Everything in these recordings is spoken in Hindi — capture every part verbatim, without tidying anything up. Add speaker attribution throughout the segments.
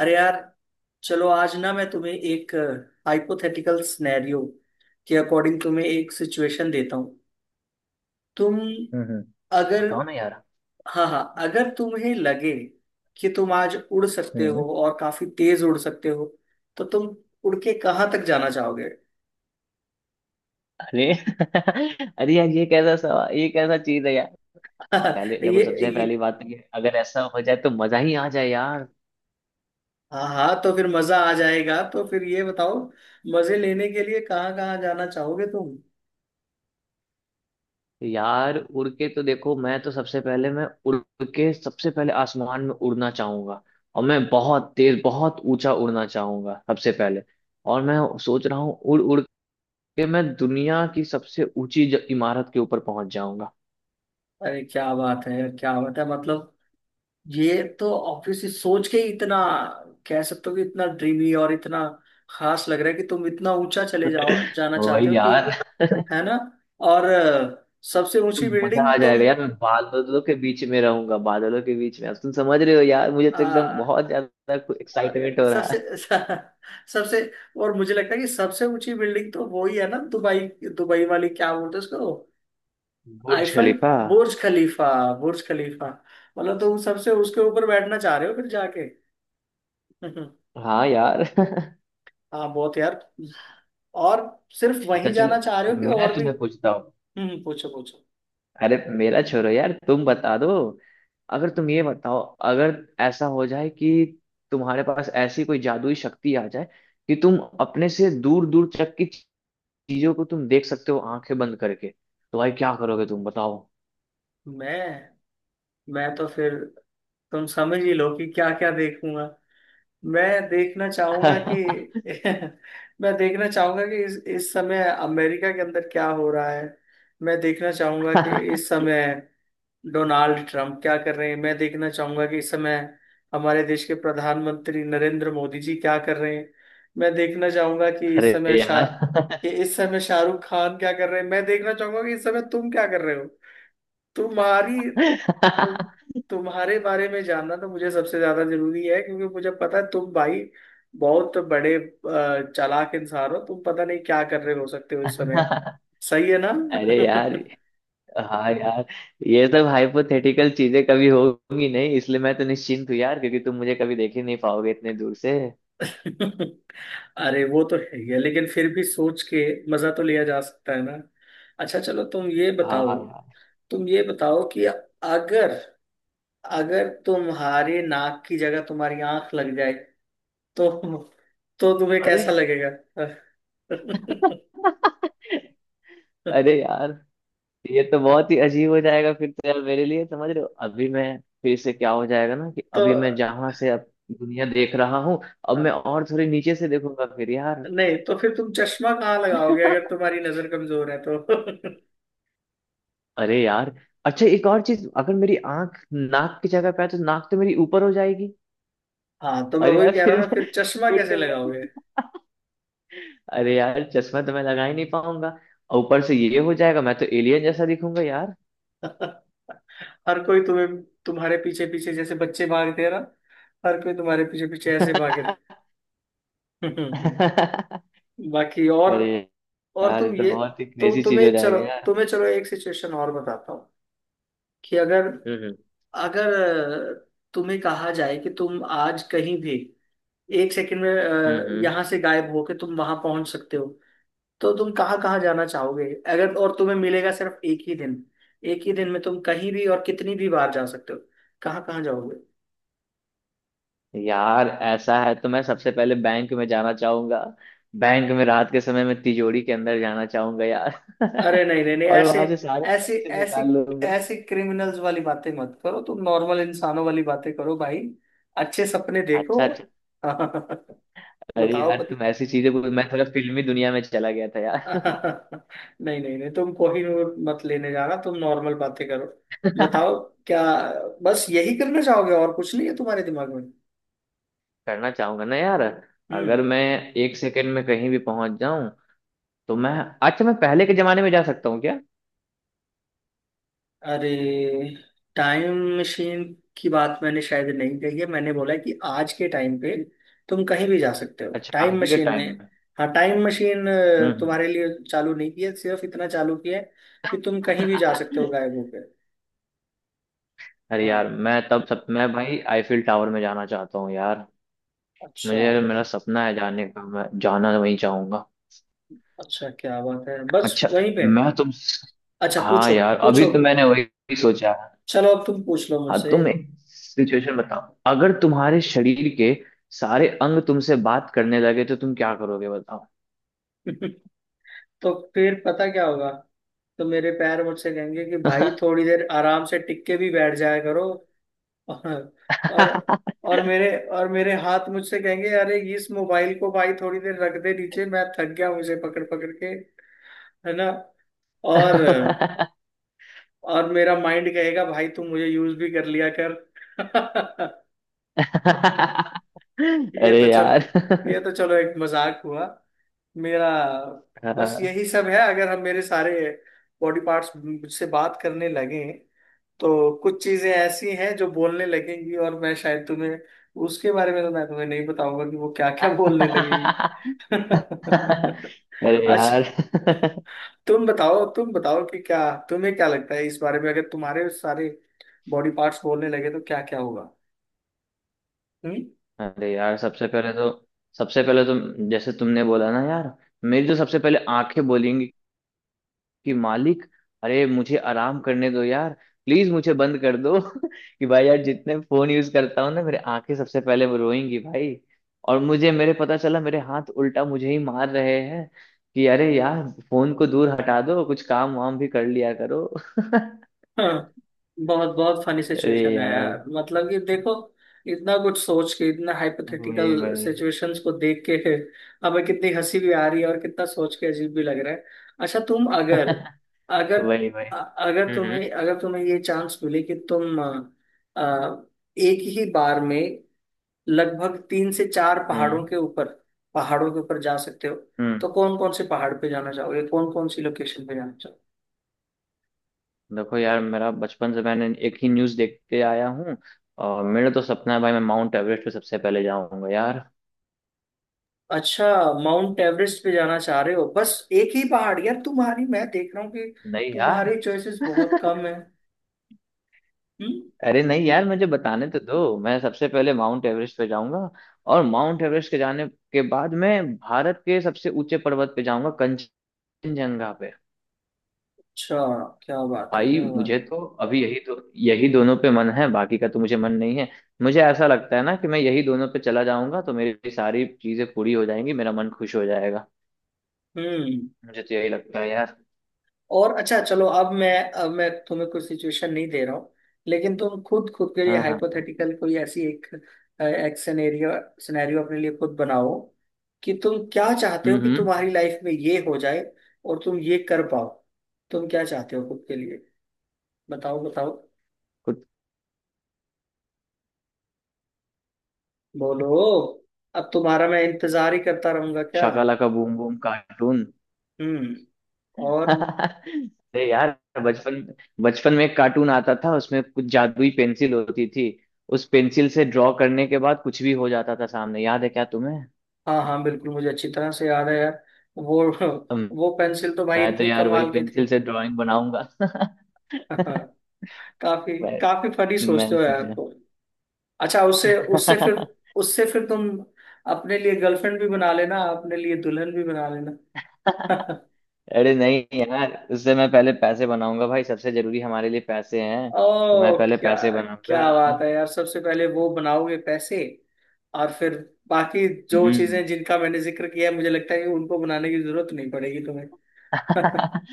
Speaker 1: अरे यार, चलो आज ना मैं तुम्हें एक हाइपोथेटिकल सिनेरियो के अकॉर्डिंग तुम्हें एक सिचुएशन देता हूँ। तुम
Speaker 2: हम्म।
Speaker 1: अगर।
Speaker 2: बताओ ना यार।
Speaker 1: हाँ हाँ, अगर तुम्हें लगे कि तुम आज उड़ सकते
Speaker 2: हम्म।
Speaker 1: हो और काफी तेज उड़ सकते हो, तो तुम उड़ के कहाँ तक जाना चाहोगे?
Speaker 2: अरे अरे यार, ये कैसा सवा ये कैसा चीज है यार। पहले देखो,
Speaker 1: ये,
Speaker 2: सबसे पहली
Speaker 1: ये
Speaker 2: बात तो ये, अगर ऐसा हो जाए तो मजा ही आ जाए यार।
Speaker 1: हाँ हाँ, तो फिर मजा आ जाएगा। तो फिर ये बताओ, मजे लेने के लिए कहाँ कहाँ जाना चाहोगे तुम?
Speaker 2: यार उड़ के तो देखो, मैं तो सबसे पहले मैं उड़ के सबसे पहले आसमान में उड़ना चाहूंगा। और मैं बहुत तेज, बहुत ऊंचा उड़ना चाहूंगा सबसे पहले। और मैं सोच रहा हूँ उड़ उड़ के मैं दुनिया की सबसे ऊंची ज- इमारत के ऊपर पहुंच जाऊंगा।
Speaker 1: अरे क्या बात है क्या बात है। मतलब ये तो ऑब्वियसली सोच के ही इतना कह सकते हो कि इतना ड्रीमी और इतना खास लग रहा है कि तुम इतना ऊंचा चले जाओ जाना चाहते
Speaker 2: वही
Speaker 1: हो कि।
Speaker 2: यार
Speaker 1: है ना। और अ, सबसे ऊंची
Speaker 2: मजा
Speaker 1: बिल्डिंग
Speaker 2: आ
Speaker 1: तुम।
Speaker 2: जाएगा यार, मैं बादलों के बीच में रहूंगा, बादलों के बीच में। अब तुम समझ रहे हो यार, मुझे तो एकदम
Speaker 1: आ,
Speaker 2: बहुत ज्यादा
Speaker 1: अरे
Speaker 2: एक्साइटमेंट
Speaker 1: यार,
Speaker 2: हो रहा
Speaker 1: सबसे
Speaker 2: है।
Speaker 1: सबसे। और मुझे लगता है कि सबसे ऊंची बिल्डिंग तो वही है ना, दुबई। दुबई वाली क्या बोलते हैं उसको?
Speaker 2: बुर्ज
Speaker 1: आईफल।
Speaker 2: खलीफा।
Speaker 1: बुर्ज खलीफा। बुर्ज खलीफा। मतलब तुम सबसे उसके ऊपर बैठना चाह रहे हो फिर जाके।
Speaker 2: हाँ यार
Speaker 1: हाँ बहुत यार। और सिर्फ
Speaker 2: अच्छा
Speaker 1: वहीं
Speaker 2: चलो,
Speaker 1: जाना चाह रहे हो कि
Speaker 2: मैं
Speaker 1: और भी?
Speaker 2: तुम्हें पूछता हूँ।
Speaker 1: हम्म, पूछो पूछो।
Speaker 2: अरे मेरा छोड़ो यार, तुम बता दो। अगर तुम ये बताओ, अगर ऐसा हो जाए कि तुम्हारे पास ऐसी कोई जादुई शक्ति आ जाए कि तुम अपने से दूर दूर तक की चीजों को तुम देख सकते हो आंखें बंद करके, तो भाई क्या करोगे तुम बताओ।
Speaker 1: मैं मैं तो फिर तुम समझ ही लो कि क्या क्या देखूंगा। मैं देखना चाहूंगा कि मैं देखना चाहूंगा कि इस इस समय अमेरिका के अंदर क्या हो रहा है। मैं देखना चाहूंगा कि इस समय डोनाल्ड ट्रंप क्या कर रहे हैं। मैं देखना चाहूंगा कि इस समय हमारे देश के प्रधानमंत्री नरेंद्र मोदी जी क्या कर रहे हैं। मैं देखना चाहूंगा कि इस
Speaker 2: अरे
Speaker 1: समय शाह
Speaker 2: यार
Speaker 1: कि इस समय शाहरुख खान क्या कर रहे हैं। मैं देखना चाहूंगा कि इस समय तुम क्या कर रहे हो। तुम्हारी तुम तुम्हारे बारे में जानना तो मुझे सबसे ज्यादा जरूरी है, क्योंकि मुझे पता है तुम भाई बहुत बड़े अ, चालाक इंसान हो। तुम पता नहीं क्या कर रहे हो सकते हो इस समय। सही है ना?
Speaker 2: अरे यार, हाँ यार, ये सब हाइपोथेटिकल चीजें कभी होगी नहीं, इसलिए मैं तो निश्चिंत हूँ यार, क्योंकि तुम मुझे कभी देख ही नहीं पाओगे इतने दूर से।
Speaker 1: अरे वो तो है ही है, लेकिन फिर भी सोच के मजा तो लिया जा सकता है ना। अच्छा चलो, तुम ये
Speaker 2: हाँ
Speaker 1: बताओ।
Speaker 2: यार।
Speaker 1: तुम ये बताओ कि अगर अगर तुम्हारे नाक की जगह तुम्हारी आंख लग जाए तो तो तुम्हें
Speaker 2: अरे
Speaker 1: कैसा लगेगा?
Speaker 2: अरे यार, ये तो बहुत ही अजीब हो जाएगा फिर तो यार मेरे लिए, समझ रहे हो, अभी मैं फिर से क्या हो जाएगा ना, कि
Speaker 1: तो,
Speaker 2: अभी मैं जहां से अब दुनिया देख रहा हूँ, अब
Speaker 1: हाँ,
Speaker 2: मैं और थोड़ी नीचे से देखूंगा फिर यार।
Speaker 1: नहीं तो फिर तुम चश्मा कहाँ लगाओगे, अगर तुम्हारी नजर कमजोर है तो?
Speaker 2: अरे यार। अच्छा एक और चीज, अगर मेरी आंख नाक की जगह पे है तो नाक तो मेरी ऊपर हो जाएगी।
Speaker 1: हाँ तो मैं
Speaker 2: अरे
Speaker 1: वही
Speaker 2: यार
Speaker 1: कह रहा
Speaker 2: फिर
Speaker 1: हूँ ना,
Speaker 2: मैं
Speaker 1: फिर चश्मा
Speaker 2: फिर
Speaker 1: कैसे
Speaker 2: तो मैं
Speaker 1: लगाओगे?
Speaker 2: अरे यार, चश्मा तो मैं लगा ही नहीं पाऊंगा। और ऊपर से ये हो जाएगा, मैं तो एलियन जैसा दिखूंगा यार।
Speaker 1: हर कोई तुम्हें तुम्हारे पीछे पीछे, जैसे बच्चे भागते हैं ना, हर कोई तुम्हारे पीछे पीछे ऐसे भागे। बाकी और
Speaker 2: अरे
Speaker 1: और
Speaker 2: यार, ये
Speaker 1: तुम
Speaker 2: तो
Speaker 1: ये।
Speaker 2: बहुत ही
Speaker 1: तो
Speaker 2: क्रेजी चीज हो
Speaker 1: तुम्हें चलो,
Speaker 2: जाएगा यार।
Speaker 1: तुम्हें चलो एक सिचुएशन और बताता हूँ कि अगर
Speaker 2: हम्म।
Speaker 1: अगर अ, तुम्हें कहा जाए कि तुम आज कहीं भी एक सेकंड में
Speaker 2: हम्म।
Speaker 1: अ,
Speaker 2: हम्म।
Speaker 1: यहाँ से गायब होके तुम वहां पहुंच सकते हो, तो तुम कहाँ कहाँ जाना चाहोगे? अगर, और तुम्हें मिलेगा सिर्फ एक ही दिन। एक ही दिन में तुम कहीं भी और कितनी भी बार जा सकते हो, कहाँ कहाँ जाओगे?
Speaker 2: यार ऐसा है तो मैं सबसे पहले बैंक में जाना चाहूंगा। बैंक में रात के समय में तिजोरी के अंदर जाना चाहूंगा यार
Speaker 1: अरे नहीं नहीं नहीं,
Speaker 2: और
Speaker 1: ऐसे,
Speaker 2: वहां से सारे
Speaker 1: ऐसे
Speaker 2: पैसे
Speaker 1: ऐसी
Speaker 2: निकाल लूंगा।
Speaker 1: ऐसी क्रिमिनल्स वाली बातें मत करो। तुम नॉर्मल इंसानों वाली बातें करो भाई, अच्छे सपने देखो।
Speaker 2: अच्छा, अच्छा।
Speaker 1: बताओ।
Speaker 2: अरे यार
Speaker 1: बत...
Speaker 2: तुम ऐसी चीजें बोल, मैं थोड़ा फिल्मी दुनिया में चला गया था यार।
Speaker 1: नहीं नहीं नहीं, तुम कोहिनूर मत लेने जाना, तुम नॉर्मल बातें करो, बताओ। क्या, बस यही करना चाहोगे और कुछ नहीं है तुम्हारे दिमाग में?
Speaker 2: करना चाहूंगा ना यार।
Speaker 1: हम्म।
Speaker 2: अगर मैं एक सेकंड में कहीं भी पहुंच जाऊं तो मैं, अच्छा मैं पहले के जमाने में जा सकता हूँ क्या?
Speaker 1: अरे, टाइम मशीन की बात मैंने शायद नहीं कही है। मैंने बोला है कि आज के टाइम पे तुम कहीं भी जा सकते हो।
Speaker 2: अच्छा,
Speaker 1: टाइम
Speaker 2: आज ही के
Speaker 1: मशीन ने
Speaker 2: टाइम में।
Speaker 1: हाँ, टाइम मशीन
Speaker 2: हम्म।
Speaker 1: तुम्हारे लिए चालू नहीं की है, सिर्फ इतना चालू किया है कि तुम कहीं भी जा सकते
Speaker 2: हम्म।
Speaker 1: हो गायब होकर।
Speaker 2: अरे यार,
Speaker 1: हाँ।
Speaker 2: मैं तब सब मैं भाई आईफिल टावर में जाना चाहता हूँ यार।
Speaker 1: अच्छा
Speaker 2: मुझे मेरा सपना है जाने का, मैं जाना वहीं चाहूंगा।
Speaker 1: अच्छा। क्या बात है, बस
Speaker 2: अच्छा
Speaker 1: वहीं पे?
Speaker 2: मैं तुम,
Speaker 1: अच्छा,
Speaker 2: हाँ
Speaker 1: पूछो
Speaker 2: यार अभी
Speaker 1: पूछो।
Speaker 2: तो मैंने वही सोचा।
Speaker 1: चलो अब तुम पूछ लो
Speaker 2: हाँ,
Speaker 1: मुझसे।
Speaker 2: तुम एक सिचुएशन बताओ। अगर तुम्हारे शरीर के सारे अंग तुमसे बात करने लगे तो तुम क्या करोगे बताओ।
Speaker 1: तो फिर पता क्या होगा, तो मेरे पैर मुझसे कहेंगे कि भाई थोड़ी देर आराम से टिक के भी बैठ जाया करो। और, और और मेरे और मेरे हाथ मुझसे कहेंगे अरे इस मोबाइल को भाई थोड़ी देर रख दे नीचे, मैं थक गया मुझे पकड़ पकड़ के। है ना। और, और मेरा माइंड कहेगा भाई तू मुझे यूज भी कर लिया कर। ये तो
Speaker 2: अरे
Speaker 1: चल
Speaker 2: यार
Speaker 1: ये तो चलो, एक मजाक हुआ मेरा। बस यही सब है, अगर हम मेरे सारे बॉडी पार्ट्स मुझसे बात करने लगे, तो कुछ चीजें ऐसी हैं जो बोलने लगेंगी, और मैं शायद तुम्हें उसके बारे में तो मैं तुम्हें नहीं बताऊंगा कि वो क्या क्या बोलने लगेंगी।
Speaker 2: अरे
Speaker 1: अच्छा,
Speaker 2: यार
Speaker 1: तुम बताओ तुम बताओ, कि क्या तुम्हें क्या लगता है इस बारे में, अगर तुम्हारे सारे बॉडी पार्ट्स बोलने लगे तो क्या क्या होगा? हम्म?
Speaker 2: अरे यार सबसे पहले तो, सबसे पहले तो जैसे तुमने बोला ना यार, मेरी तो सबसे पहले आंखें बोलेंगी कि मालिक, अरे मुझे आराम करने दो यार, प्लीज मुझे बंद कर दो कि भाई यार, जितने फोन यूज करता हूँ ना, मेरे आंखें सबसे पहले वो रोएंगी भाई। और मुझे मेरे पता चला मेरे हाथ उल्टा मुझे ही मार रहे हैं कि अरे यार, फोन को दूर हटा दो, कुछ काम वाम भी कर लिया करो।
Speaker 1: हाँ, बहुत बहुत फनी
Speaker 2: अरे
Speaker 1: सिचुएशन है
Speaker 2: यार,
Speaker 1: यार, मतलब कि देखो, इतना कुछ सोच के, इतना
Speaker 2: वही
Speaker 1: हाइपोथेटिकल
Speaker 2: वही।
Speaker 1: सिचुएशंस को देख के, हमें कितनी हंसी भी आ रही है और कितना सोच के अजीब भी लग रहा है। अच्छा, तुम अगर अगर
Speaker 2: वही वही।
Speaker 1: अ- अगर
Speaker 2: हम्म।
Speaker 1: तुम्हें अगर तुम्हें ये चांस मिले कि तुम अ, अ, एक ही बार में लगभग तीन से चार
Speaker 2: हम्म।
Speaker 1: पहाड़ों के ऊपर, पहाड़ों के ऊपर जा सकते हो,
Speaker 2: हम्म।
Speaker 1: तो कौन कौन से पहाड़ पे जाना चाहोगे, कौन कौन सी लोकेशन पे जाना?
Speaker 2: देखो यार, मेरा बचपन से मैंने एक ही न्यूज़ देखते आया हूँ, और मेरा तो सपना है भाई, मैं माउंट एवरेस्ट पे सबसे पहले जाऊंगा यार।
Speaker 1: अच्छा, माउंट एवरेस्ट पे जाना चाह रहे हो, बस एक ही पहाड़? यार, तुम्हारी, मैं देख रहा हूँ कि
Speaker 2: नहीं यार
Speaker 1: तुम्हारे चॉइसेस बहुत कम है। हम्म।
Speaker 2: अरे नहीं यार, मुझे बताने तो दो, मैं सबसे पहले माउंट एवरेस्ट पे जाऊंगा, और माउंट एवरेस्ट के जाने के बाद मैं भारत के सबसे ऊंचे पर्वत पे जाऊंगा, कंचनजंगा पे।
Speaker 1: अच्छा क्या बात है
Speaker 2: भाई
Speaker 1: क्या बात।
Speaker 2: मुझे तो अभी यही दो, यही दोनों पे मन है, बाकी का तो मुझे मन नहीं है। मुझे ऐसा लगता है ना कि मैं यही दोनों पे चला जाऊंगा तो मेरी सारी चीजें पूरी हो जाएंगी, मेरा मन खुश हो जाएगा।
Speaker 1: हम्म।
Speaker 2: मुझे तो यही लगता है यार।
Speaker 1: और अच्छा चलो, अब मैं अब मैं तुम्हें कोई सिचुएशन नहीं दे रहा हूँ, लेकिन तुम खुद, खुद के लिए
Speaker 2: हाँ हाँ।
Speaker 1: हाइपोथेटिकल कोई ऐसी एक अ, एक सिनेरियो, सिनेरियो अपने लिए खुद बनाओ, कि तुम क्या चाहते हो
Speaker 2: हम्म।
Speaker 1: कि
Speaker 2: हम्म।
Speaker 1: तुम्हारी लाइफ में ये हो जाए और तुम ये कर पाओ। तुम क्या चाहते हो खुद के लिए? बताओ बताओ,
Speaker 2: कुछ,
Speaker 1: बोलो। अब तुम्हारा मैं इंतजार ही करता रहूंगा क्या?
Speaker 2: Shakalaka Boom Boom cartoon.
Speaker 1: हम्म। और,
Speaker 2: अरे यार, बचपन बचपन में एक कार्टून आता था, उसमें कुछ जादुई पेंसिल होती थी। उस पेंसिल से ड्रॉ करने के बाद कुछ भी हो जाता था सामने, याद है क्या तुम्हें?
Speaker 1: हाँ हाँ बिल्कुल, मुझे अच्छी तरह से याद है यार, वो
Speaker 2: अम,
Speaker 1: वो पेंसिल तो भाई
Speaker 2: मैं तो
Speaker 1: इतनी
Speaker 2: यार वही
Speaker 1: कमाल की थी।
Speaker 2: पेंसिल से ड्राइंग बनाऊंगा
Speaker 1: हाँ, काफी
Speaker 2: मैं
Speaker 1: काफी फनी
Speaker 2: मैं
Speaker 1: सोचते हो
Speaker 2: उसी
Speaker 1: यार
Speaker 2: से
Speaker 1: तुम। अच्छा, उससे उससे फिर उससे फिर तुम अपने लिए गर्लफ्रेंड भी बना लेना, अपने लिए दुल्हन भी बना लेना।
Speaker 2: अरे नहीं यार, उससे मैं पहले पैसे बनाऊंगा भाई, सबसे जरूरी हमारे लिए पैसे हैं,
Speaker 1: ओ
Speaker 2: तो मैं पहले
Speaker 1: क्या,
Speaker 2: पैसे
Speaker 1: क्या
Speaker 2: बनाऊंगा।
Speaker 1: बात है यार, सबसे पहले वो बनाओगे पैसे? और फिर बाकी जो
Speaker 2: हम्म।
Speaker 1: चीजें जिनका मैंने जिक्र किया है, मुझे लगता है कि उनको बनाने की जरूरत नहीं पड़ेगी तुम्हें।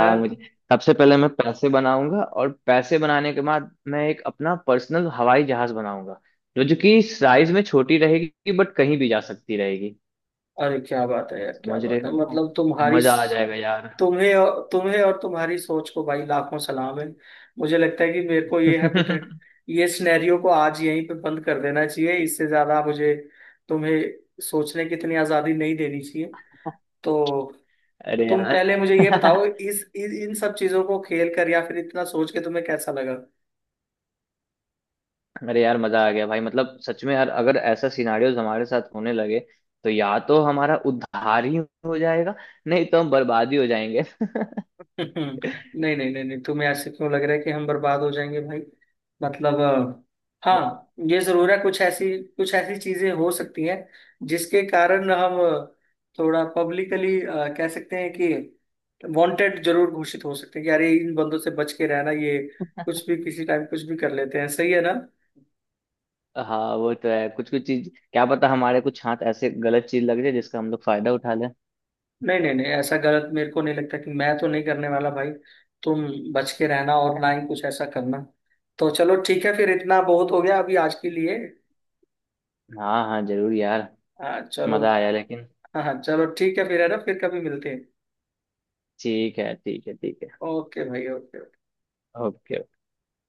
Speaker 1: है?
Speaker 2: मुझे सबसे पहले मैं पैसे बनाऊंगा, और पैसे बनाने के बाद मैं एक अपना पर्सनल हवाई जहाज बनाऊंगा जो जो कि साइज में छोटी रहेगी, बट कहीं भी जा सकती रहेगी।
Speaker 1: अरे क्या बात है यार क्या
Speaker 2: समझ रहे
Speaker 1: बात है,
Speaker 2: हो,
Speaker 1: मतलब तुम्हारी,
Speaker 2: मजा आ जाएगा यार।
Speaker 1: तुम्हें और- तुम्हें और तुम्हारी सोच को भाई लाखों सलाम है। मुझे लगता है कि मेरे को ये है, ये सिनेरियो को आज यहीं पे बंद कर देना चाहिए। इससे ज्यादा मुझे तुम्हें सोचने की इतनी आजादी नहीं देनी चाहिए। तो
Speaker 2: अरे
Speaker 1: तुम
Speaker 2: यार
Speaker 1: पहले मुझे ये बताओ, इस इन इन सब चीजों को खेल कर या फिर इतना सोच के तुम्हें कैसा लगा?
Speaker 2: अरे यार मजा आ गया भाई, मतलब सच में यार, अगर ऐसा सिनारियोज हमारे साथ होने लगे तो या तो हमारा उद्धार ही हो जाएगा, नहीं तो हम बर्बाद ही हो जाएंगे।
Speaker 1: नहीं नहीं नहीं नहीं, तुम्हें ऐसे क्यों लग रहा है कि हम बर्बाद हो जाएंगे भाई? मतलब अ, हाँ, ये जरूर है, कुछ ऐसी कुछ ऐसी चीजें हो सकती हैं जिसके कारण हम थोड़ा पब्लिकली कह सकते हैं कि, वांटेड जरूर घोषित हो सकते हैं कि अरे इन बंदों से बच के रहना, ये कुछ भी किसी टाइम कुछ भी कर लेते हैं, सही है ना।
Speaker 2: हाँ वो तो है, कुछ कुछ चीज क्या पता हमारे कुछ हाथ ऐसे गलत चीज लग जाए जिसका हम लोग फायदा उठा लें।
Speaker 1: नहीं नहीं नहीं, ऐसा गलत मेरे को नहीं लगता, कि मैं तो नहीं करने वाला भाई। तुम बच के रहना, और ना ही कुछ ऐसा करना। तो चलो ठीक है, फिर इतना बहुत हो गया अभी आज के लिए।
Speaker 2: हाँ हाँ जरूर यार,
Speaker 1: हाँ चलो।
Speaker 2: मजा आया लेकिन।
Speaker 1: हाँ हाँ चलो, ठीक है फिर, है ना, फिर कभी मिलते हैं।
Speaker 2: ठीक है, ठीक है, ठीक है।
Speaker 1: ओके भाई, ओके।
Speaker 2: ओके।